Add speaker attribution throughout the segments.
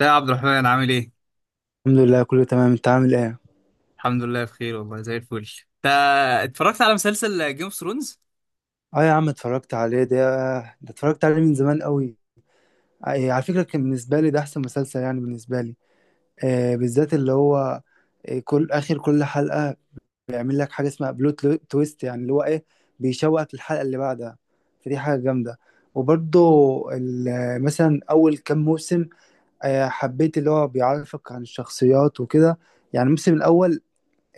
Speaker 1: ده يا عبد الرحمن عامل ايه؟
Speaker 2: الحمد لله، كله تمام. انت عامل ايه؟
Speaker 1: الحمد لله بخير والله زي الفل. انت اتفرجت على مسلسل جيم اوف ثرونز؟
Speaker 2: اه يا عم اتفرجت عليه. ده اتفرجت عليه من زمان قوي. اه، إيه، على فكرة كان بالنسبة لي ده احسن مسلسل، يعني بالنسبة لي. بالذات اللي هو كل اخر كل حلقة بيعمل لك حاجة اسمها تويست، يعني اللي هو ايه، بيشوقك للحلقة اللي بعدها. فدي حاجة جامدة. وبرضه مثلا اول كام موسم حبيت اللي هو بيعرفك عن الشخصيات وكده، يعني الموسم الاول.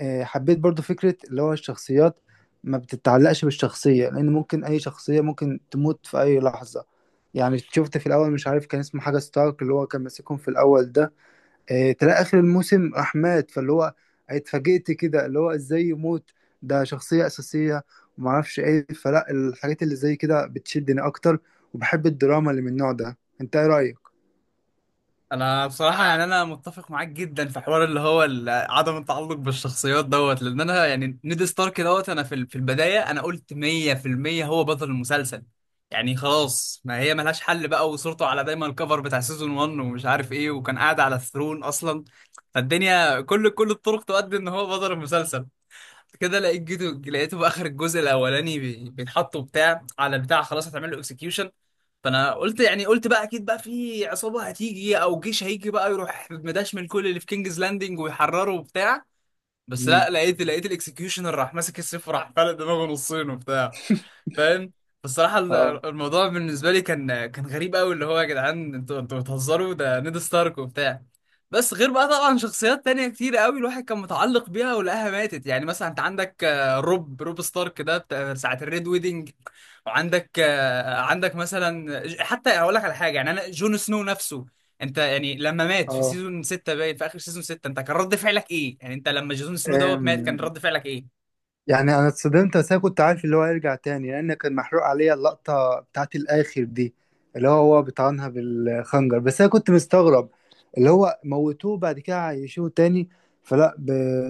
Speaker 2: حبيت برضو فكرة اللي هو الشخصيات ما بتتعلقش بالشخصية، لأن ممكن أي شخصية ممكن تموت في أي لحظة. يعني شفت في الأول مش عارف كان اسمه حاجة ستارك، اللي هو كان ماسكهم في الأول ده. تلاقي آخر الموسم راح مات، فاللي هو اتفاجئت كده اللي هو إزاي يموت، ده شخصية أساسية. ومعرفش إيه، فلا الحاجات اللي زي كده بتشدني أكتر. وبحب الدراما اللي من النوع ده. أنت إيه رأيك؟
Speaker 1: انا بصراحة يعني انا متفق معاك جدا في حوار اللي هو عدم التعلق بالشخصيات دوت، لان انا يعني نيد ستارك دوت. انا في البداية انا قلت 100% هو بطل المسلسل. يعني خلاص، ما هي ملهاش حل بقى، وصورته على دايما الكفر بتاع سيزون 1 ومش عارف ايه، وكان قاعد على الثرون اصلا. فالدنيا كل الطرق تؤدي ان هو بطل المسلسل. كده لقيت جيتو، لقيته في اخر الجزء الاولاني بيتحطوا بتاع على بتاع، خلاص هتعمل له اكسكيوشن. فانا قلت، يعني قلت بقى اكيد بقى في عصابه هتيجي او جيش هيجي بقى يروح مداش من كل اللي في كينجز لاندنج ويحرره وبتاع. بس
Speaker 2: مم.
Speaker 1: لا، لقيت الاكسكيوشن راح ماسك السيف وراح فلق دماغه نصين وبتاع. فاهم. فالصراحة
Speaker 2: اه.
Speaker 1: الموضوع بالنسبة لي كان غريب قوي، اللي هو يا جدعان انتوا بتهزروا، ده نيد ستارك وبتاع. بس غير بقى طبعا شخصيات تانية كتير قوي الواحد كان متعلق بيها ولقاها ماتت، يعني مثلا انت عندك روب ستارك ده بتاع ساعة الريد ويدنج، وعندك عندك مثلا حتى هقول لك على حاجة، يعني انا جون سنو نفسه. انت يعني لما مات في سيزون 6، باين في اخر سيزون 6 انت كان رد فعلك ايه؟ يعني انت لما جون سنو
Speaker 2: اه،
Speaker 1: دوت مات كان رد فعلك ايه؟
Speaker 2: يعني انا اتصدمت، بس انا كنت عارف اللي هو هيرجع تاني، لان كان محروق عليا اللقطه بتاعت الاخر دي، اللي هو هو بيطعنها بالخنجر. بس انا كنت مستغرب اللي هو موتوه بعد كده عايشوه تاني. فلا،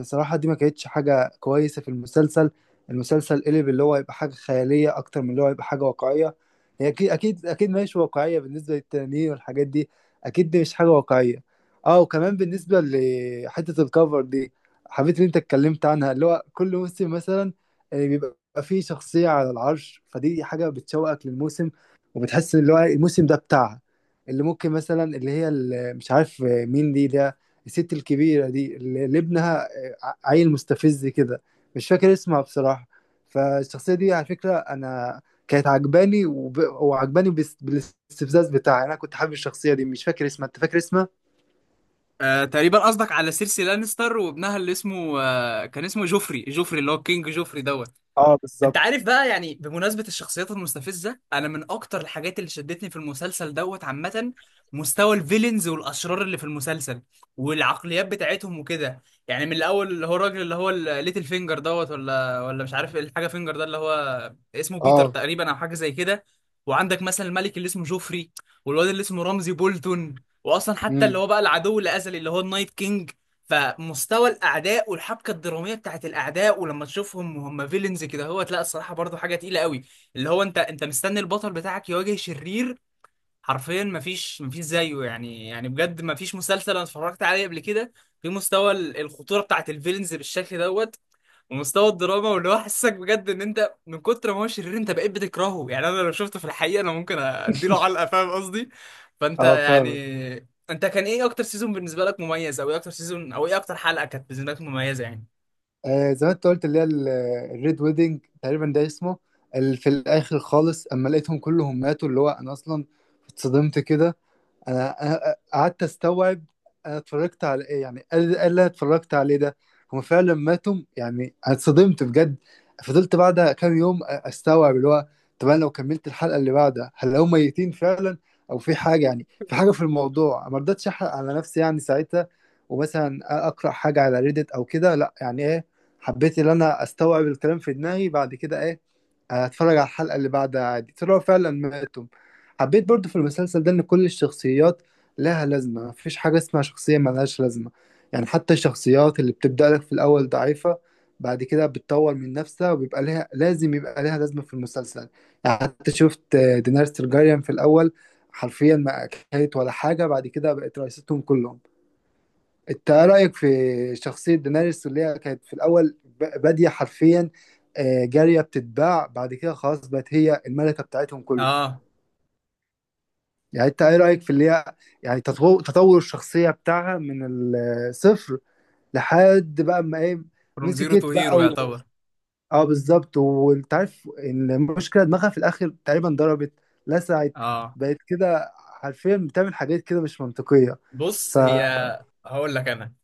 Speaker 2: بصراحه دي ما كانتش حاجه كويسه في المسلسل. المسلسل قلب اللي هو يبقى حاجه خياليه اكتر من اللي هو يبقى حاجه واقعيه. هي اكيد اكيد اكيد ماشي واقعيه بالنسبه للتنانين والحاجات دي، اكيد دي مش حاجه واقعيه. اه، وكمان بالنسبه لحته الكفر دي، حبيت ان انت اتكلمت عنها، اللي هو كل موسم مثلا بيبقى فيه شخصية على العرش، فدي حاجة بتشوقك للموسم، وبتحس اللي هو الموسم ده بتاعها. اللي ممكن مثلا اللي هي اللي مش عارف، مين دي ده، الست الكبيرة دي اللي اللي ابنها عيل مستفز كده، مش فاكر اسمها بصراحة. فالشخصية دي على فكرة أنا كانت عجباني وعجباني، بالاستفزاز بتاعها. أنا كنت حابب الشخصية دي، مش فاكر اسمها. أنت فاكر اسمها؟
Speaker 1: آه تقريبا قصدك على سيرسي لانستر وابنها اللي اسمه كان اسمه جوفري، جوفري اللي هو كينج جوفري دوت.
Speaker 2: اه
Speaker 1: انت
Speaker 2: بالظبط.
Speaker 1: عارف بقى، يعني بمناسبة الشخصيات المستفزة، انا من اكتر الحاجات اللي شدتني في المسلسل دوت عامة مستوى الفيلنز والاشرار اللي في المسلسل والعقليات بتاعتهم وكده. يعني من الاول اللي هو الراجل اللي هو الليتل فينجر دوت، ولا مش عارف ايه الحاجة فينجر ده اللي هو اسمه بيتر
Speaker 2: اه.
Speaker 1: تقريبا او حاجة زي كده. وعندك مثلا الملك اللي اسمه جوفري، والواد اللي اسمه رمزي بولتون، واصلا حتى اللي
Speaker 2: امم.
Speaker 1: هو بقى العدو الازلي اللي هو النايت كينج. فمستوى الاعداء والحبكه الدراميه بتاعت الاعداء، ولما تشوفهم وهم فيلنز كده، هو لا الصراحه برضو حاجه تقيله قوي، اللي هو انت مستني البطل بتاعك يواجه شرير حرفيا مفيش زيه، يعني بجد مفيش مسلسل انا اتفرجت عليه قبل كده في مستوى الخطوره بتاعت الفيلنز بالشكل دوت، ومستوى الدراما واللي هو حسسك بجد ان انت من كتر ما هو شرير انت بقيت بتكرهه. يعني انا لو شفته في الحقيقه انا ممكن اديله علقه، فاهم قصدي؟ فانت
Speaker 2: اه. فاهم.
Speaker 1: يعني انت كان ايه اكتر سيزون بالنسبه لك مميز، او ايه اكتر سيزون، او ايه اكتر حلقه كانت بالنسبه لك مميزه يعني؟
Speaker 2: آه زي ما انت قلت اللي هي الريد ويدنج تقريبا ده اسمه، في الاخر خالص اما لقيتهم كلهم ماتوا، اللي هو انا اصلا اتصدمت كده. أنا قعدت استوعب انا اتفرجت على ايه، يعني ايه اللي أنا اتفرجت عليه ده. هم فعلا ماتوا؟ يعني انا اتصدمت بجد. فضلت بعدها كام يوم استوعب اللي هو، طب انا لو كملت الحلقه اللي بعدها هل هم ميتين فعلا او في حاجه، يعني في حاجه في الموضوع. ما رضيتش احرق على نفسي يعني ساعتها، ومثلا اقرا حاجه على ريدت او كده. لا، يعني ايه، حبيت ان انا استوعب الكلام في دماغي. بعد كده ايه، هتفرج على الحلقة اللي بعدها عادي، طلعوا فعلا ماتوا. حبيت برضو في المسلسل ده إن كل الشخصيات لها لازمة، مفيش حاجة اسمها شخصية ملهاش لازمة. يعني حتى الشخصيات اللي بتبدأ لك في الأول ضعيفة، بعد كده بتطور من نفسها وبيبقى لها لازم، يبقى لها لازمة في المسلسل. يعني حتى شفت دينارس ترجاريان في الأول حرفيا ما كانت ولا حاجة، بعد كده بقت رئيستهم كلهم. انت ايه رايك في شخصيه دينيريس اللي هي كانت في الاول باديه حرفيا، جاريه بتتباع، بعد كده خلاص بقت هي الملكه بتاعتهم كلهم.
Speaker 1: اه
Speaker 2: يعني انت ايه رايك في اللي هي، يعني تطور الشخصيه بتاعها من الصفر لحد بقى ما ايه،
Speaker 1: فروم زيرو تو
Speaker 2: مسكت بقى
Speaker 1: هيرو
Speaker 2: و...
Speaker 1: يعتبر.
Speaker 2: اه بالظبط. وانت عارف إن المشكله دماغها في الاخر تقريبا ضربت، لسعت،
Speaker 1: اه
Speaker 2: بقت كده حرفيا بتعمل حاجات كده مش منطقيه. ف،
Speaker 1: بص هي، هقول لك انا،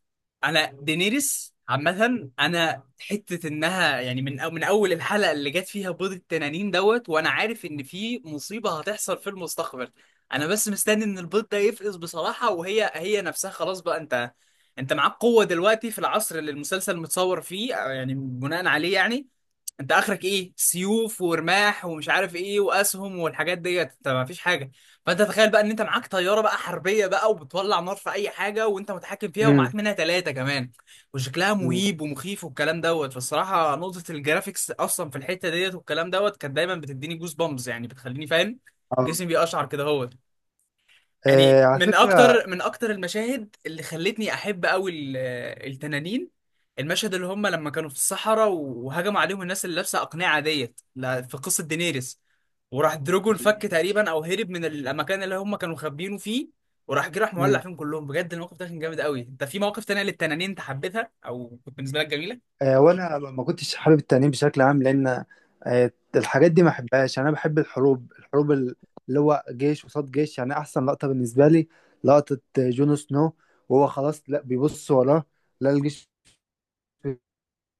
Speaker 1: انا دينيريس عامة انا حتة انها يعني من أو من اول الحلقة اللي جت فيها بيض التنانين دوت وانا عارف ان في مصيبة هتحصل في المستقبل. انا بس مستني ان البيض ده يفقس بصراحة، وهي نفسها خلاص بقى، انت معاك قوة دلوقتي في العصر اللي المسلسل متصور فيه أو يعني بناء عليه، يعني انت اخرك ايه، سيوف ورماح ومش عارف ايه واسهم والحاجات ديت، انت ما فيش حاجه. فانت تخيل بقى ان انت معاك طياره بقى حربيه بقى وبتولع نار في اي حاجه وانت متحكم فيها
Speaker 2: مم.
Speaker 1: ومعاك منها ثلاثه كمان وشكلها
Speaker 2: مم.
Speaker 1: مهيب ومخيف والكلام دوت. فالصراحه نقطه الجرافيكس اصلا في الحته ديت والكلام دوت كانت دايما بتديني جوز بامبز، يعني بتخليني فاهم،
Speaker 2: اه.
Speaker 1: جسمي بيقشعر كده هو. يعني
Speaker 2: آه، على
Speaker 1: من
Speaker 2: فكرة.
Speaker 1: اكتر من اكتر المشاهد اللي خلتني احب قوي التنانين، المشهد اللي هم لما كانوا في الصحراء وهجموا عليهم الناس اللي لابسه اقنعه ديت في قصه دينيريس، وراح دروجون فك تقريبا او هرب من المكان اللي هم كانوا مخبيينه فيه وراح جه راح مولع
Speaker 2: مم.
Speaker 1: فيهم كلهم. بجد الموقف ده كان جامد قوي. انت في مواقف تانية للتنانين انت حبيتها او كنت بالنسبه لك جميله؟
Speaker 2: آه، وانا ما كنتش حابب التأنيب بشكل عام، لان الحاجات دي ما بحبهاش. يعني انا بحب الحروب، اللي هو جيش قصاد جيش. يعني احسن لقطة بالنسبة لي، لقطة جون سنو وهو خلاص لا بيبص وراه، لا الجيش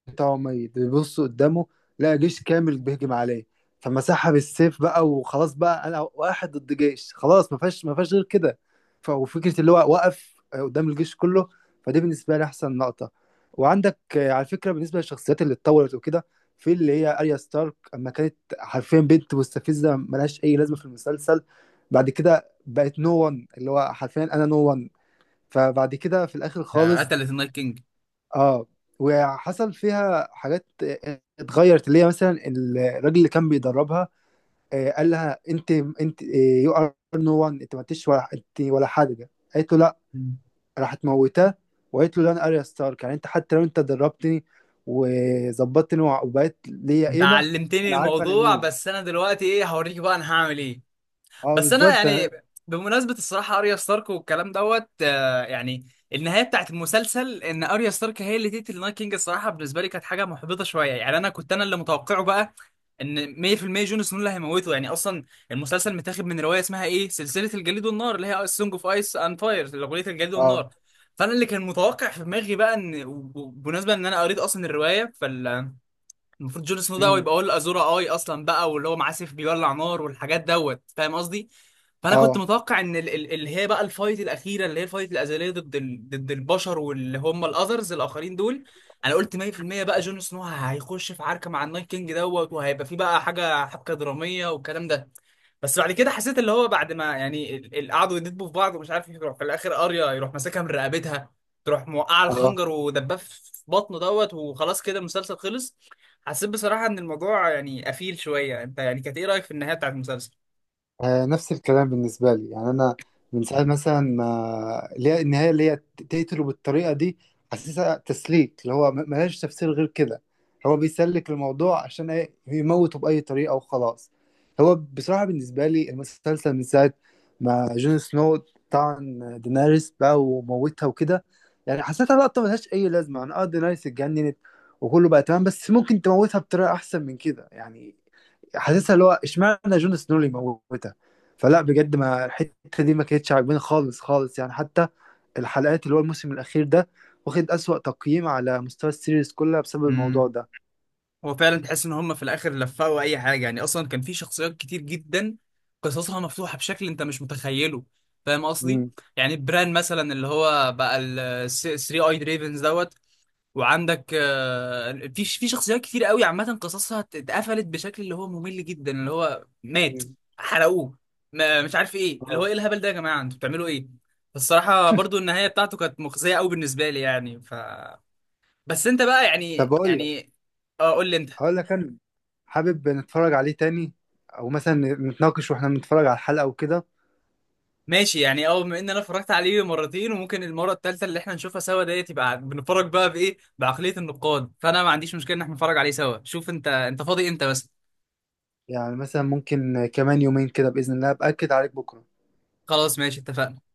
Speaker 2: بتاعه ميت، بيبص قدامه لقى جيش كامل بيهجم عليه، فمسحها بالسيف بقى وخلاص بقى انا واحد ضد جيش، خلاص ما فيهاش غير كده. وفكره اللي هو وقف قدام الجيش كله، فدي بالنسبه لي احسن لقطه. وعندك على فكره بالنسبه للشخصيات اللي اتطورت وكده، في اللي هي اريا ستارك، اما كانت حرفيا بنت مستفزه ملهاش اي لازمه في المسلسل، بعد كده بقت نو وان، اللي هو حرفيا انا نو وان. فبعد كده في الاخر
Speaker 1: آه،
Speaker 2: خالص.
Speaker 1: قتلت النايت كينج.
Speaker 2: اه. وحصل فيها حاجات اتغيرت، اللي هي مثلا الراجل اللي كان بيدربها قال لها انت يو ار نو وان، انت ما انتش ولا انت ولا حاجه، قالت له لا،
Speaker 1: مم.
Speaker 2: راحت موتاه. وقالت له لا انا اريا ستارك، يعني انت حتى لو انت دربتني وظبطتني وبقيت ليا
Speaker 1: انت
Speaker 2: قيمه،
Speaker 1: علمتني
Speaker 2: انا عارفه انا
Speaker 1: الموضوع
Speaker 2: مين.
Speaker 1: بس انا دلوقتي ايه هوريك بقى، انا هعمل ايه؟
Speaker 2: اه
Speaker 1: بس انا
Speaker 2: بالظبط.
Speaker 1: يعني،
Speaker 2: انا
Speaker 1: بمناسبه الصراحه اريا ستارك والكلام دوت، يعني النهايه بتاعت المسلسل ان اريا ستارك هي اللي تقتل النايت كينج، الصراحه بالنسبه لي كانت حاجه محبطه شويه، يعني انا كنت انا اللي متوقعه بقى ان 100% جون سنو اللي هيموته. يعني اصلا المسلسل متاخد من روايه اسمها ايه، سلسله الجليد والنار، اللي هي سونج اوف ايس اند فاير، اغنيه الجليد
Speaker 2: اه.
Speaker 1: والنار. فانا اللي كان متوقع في دماغي بقى ان، وبمناسبه ان انا قريت اصلا الروايه، المفروض جون سنو ده
Speaker 2: امم.
Speaker 1: يبقى هو الازورا اي اصلا بقى، واللي هو معاه سيف بيولع نار والحاجات دوت، فاهم قصدي؟ فانا كنت
Speaker 2: اه.
Speaker 1: متوقع ان اللي هي بقى الفايت الاخيره، اللي هي الفايت الازليه ضد ضد البشر واللي هم الاذرز الاخرين دول. انا قلت 100% بقى جون سنو هيخش في عركه مع النايت كينج دوت وهيبقى في بقى حاجه حبكه دراميه والكلام ده. بس بعد كده حسيت اللي هو بعد ما يعني قعدوا يدبوا في بعض ومش عارف، يروح في الاخر اريا يروح ماسكها من رقبتها، تروح موقعه
Speaker 2: اه.
Speaker 1: الخنجر ودباه في بطنه دوت، وخلاص كده المسلسل خلص. حسيت بصراحة إن الموضوع يعني قفيل شوية. أنت يعني كانت إيه رأيك في النهاية بتاعت المسلسل؟
Speaker 2: آه، نفس الكلام بالنسبة لي. يعني أنا من ساعة مثلا ما اللي هي النهاية اللي هي تقتله بالطريقة دي، حاسسها تسليك، اللي هو ملهاش تفسير غير كده. هو بيسلك الموضوع عشان إيه؟ يموته بأي طريقة وخلاص. هو بصراحة بالنسبة لي المسلسل من ساعة ما جون سنو طعن دينيريس بقى وموتها وكده، يعني حسيتها لقطة ملهاش أي لازمة. أنا أه دينيريس اتجننت وكله بقى تمام، بس ممكن تموتها بطريقة أحسن من كده يعني. حاسسها اللي هو اشمعنى جون سنو اللي يموتها. فلا بجد ما الحته دي ما كانتش عاجباني خالص خالص. يعني حتى الحلقات اللي هو الموسم الاخير ده واخد اسوأ تقييم على مستوى السيريز كلها بسبب الموضوع
Speaker 1: امم
Speaker 2: ده.
Speaker 1: هو فعلا تحس ان هم في الاخر لفقوا اي حاجه. يعني اصلا كان في شخصيات كتير جدا قصصها مفتوحه بشكل انت مش متخيله، فاهم قصدي؟
Speaker 2: مم.
Speaker 1: يعني بران مثلا اللي هو بقى ال 3 اي دريفنز دوت. وعندك في شخصيات كتير قوي عامة قصصها اتقفلت بشكل اللي هو ممل جدا، اللي هو مات،
Speaker 2: مم.
Speaker 1: حرقوه، ما مش عارف ايه، اللي هو
Speaker 2: اه.
Speaker 1: ايه الهبل ده يا جماعة، انتوا بتعملوا ايه؟ فالصراحة برضو النهاية بتاعته كانت مخزية قوي بالنسبة لي يعني، ف بس انت بقى
Speaker 2: طب
Speaker 1: يعني
Speaker 2: اقول لك،
Speaker 1: يعني اه قول لي انت.
Speaker 2: هقول لك انا حابب نتفرج عليه تاني، او مثلا نتناقش واحنا بنتفرج على الحلقه وكده.
Speaker 1: ماشي، يعني اه بما ان انا اتفرجت عليه مرتين، وممكن المرة الثالثة اللي احنا نشوفها سوا ديت، يبقى بنتفرج بقى بايه، بعقلية النقاد، فانا ما عنديش مشكلة ان احنا نتفرج عليه سوا. شوف انت فاضي امتى بس.
Speaker 2: يعني مثلا ممكن كمان يومين كده باذن الله، باكد عليك بكره.
Speaker 1: خلاص ماشي اتفقنا.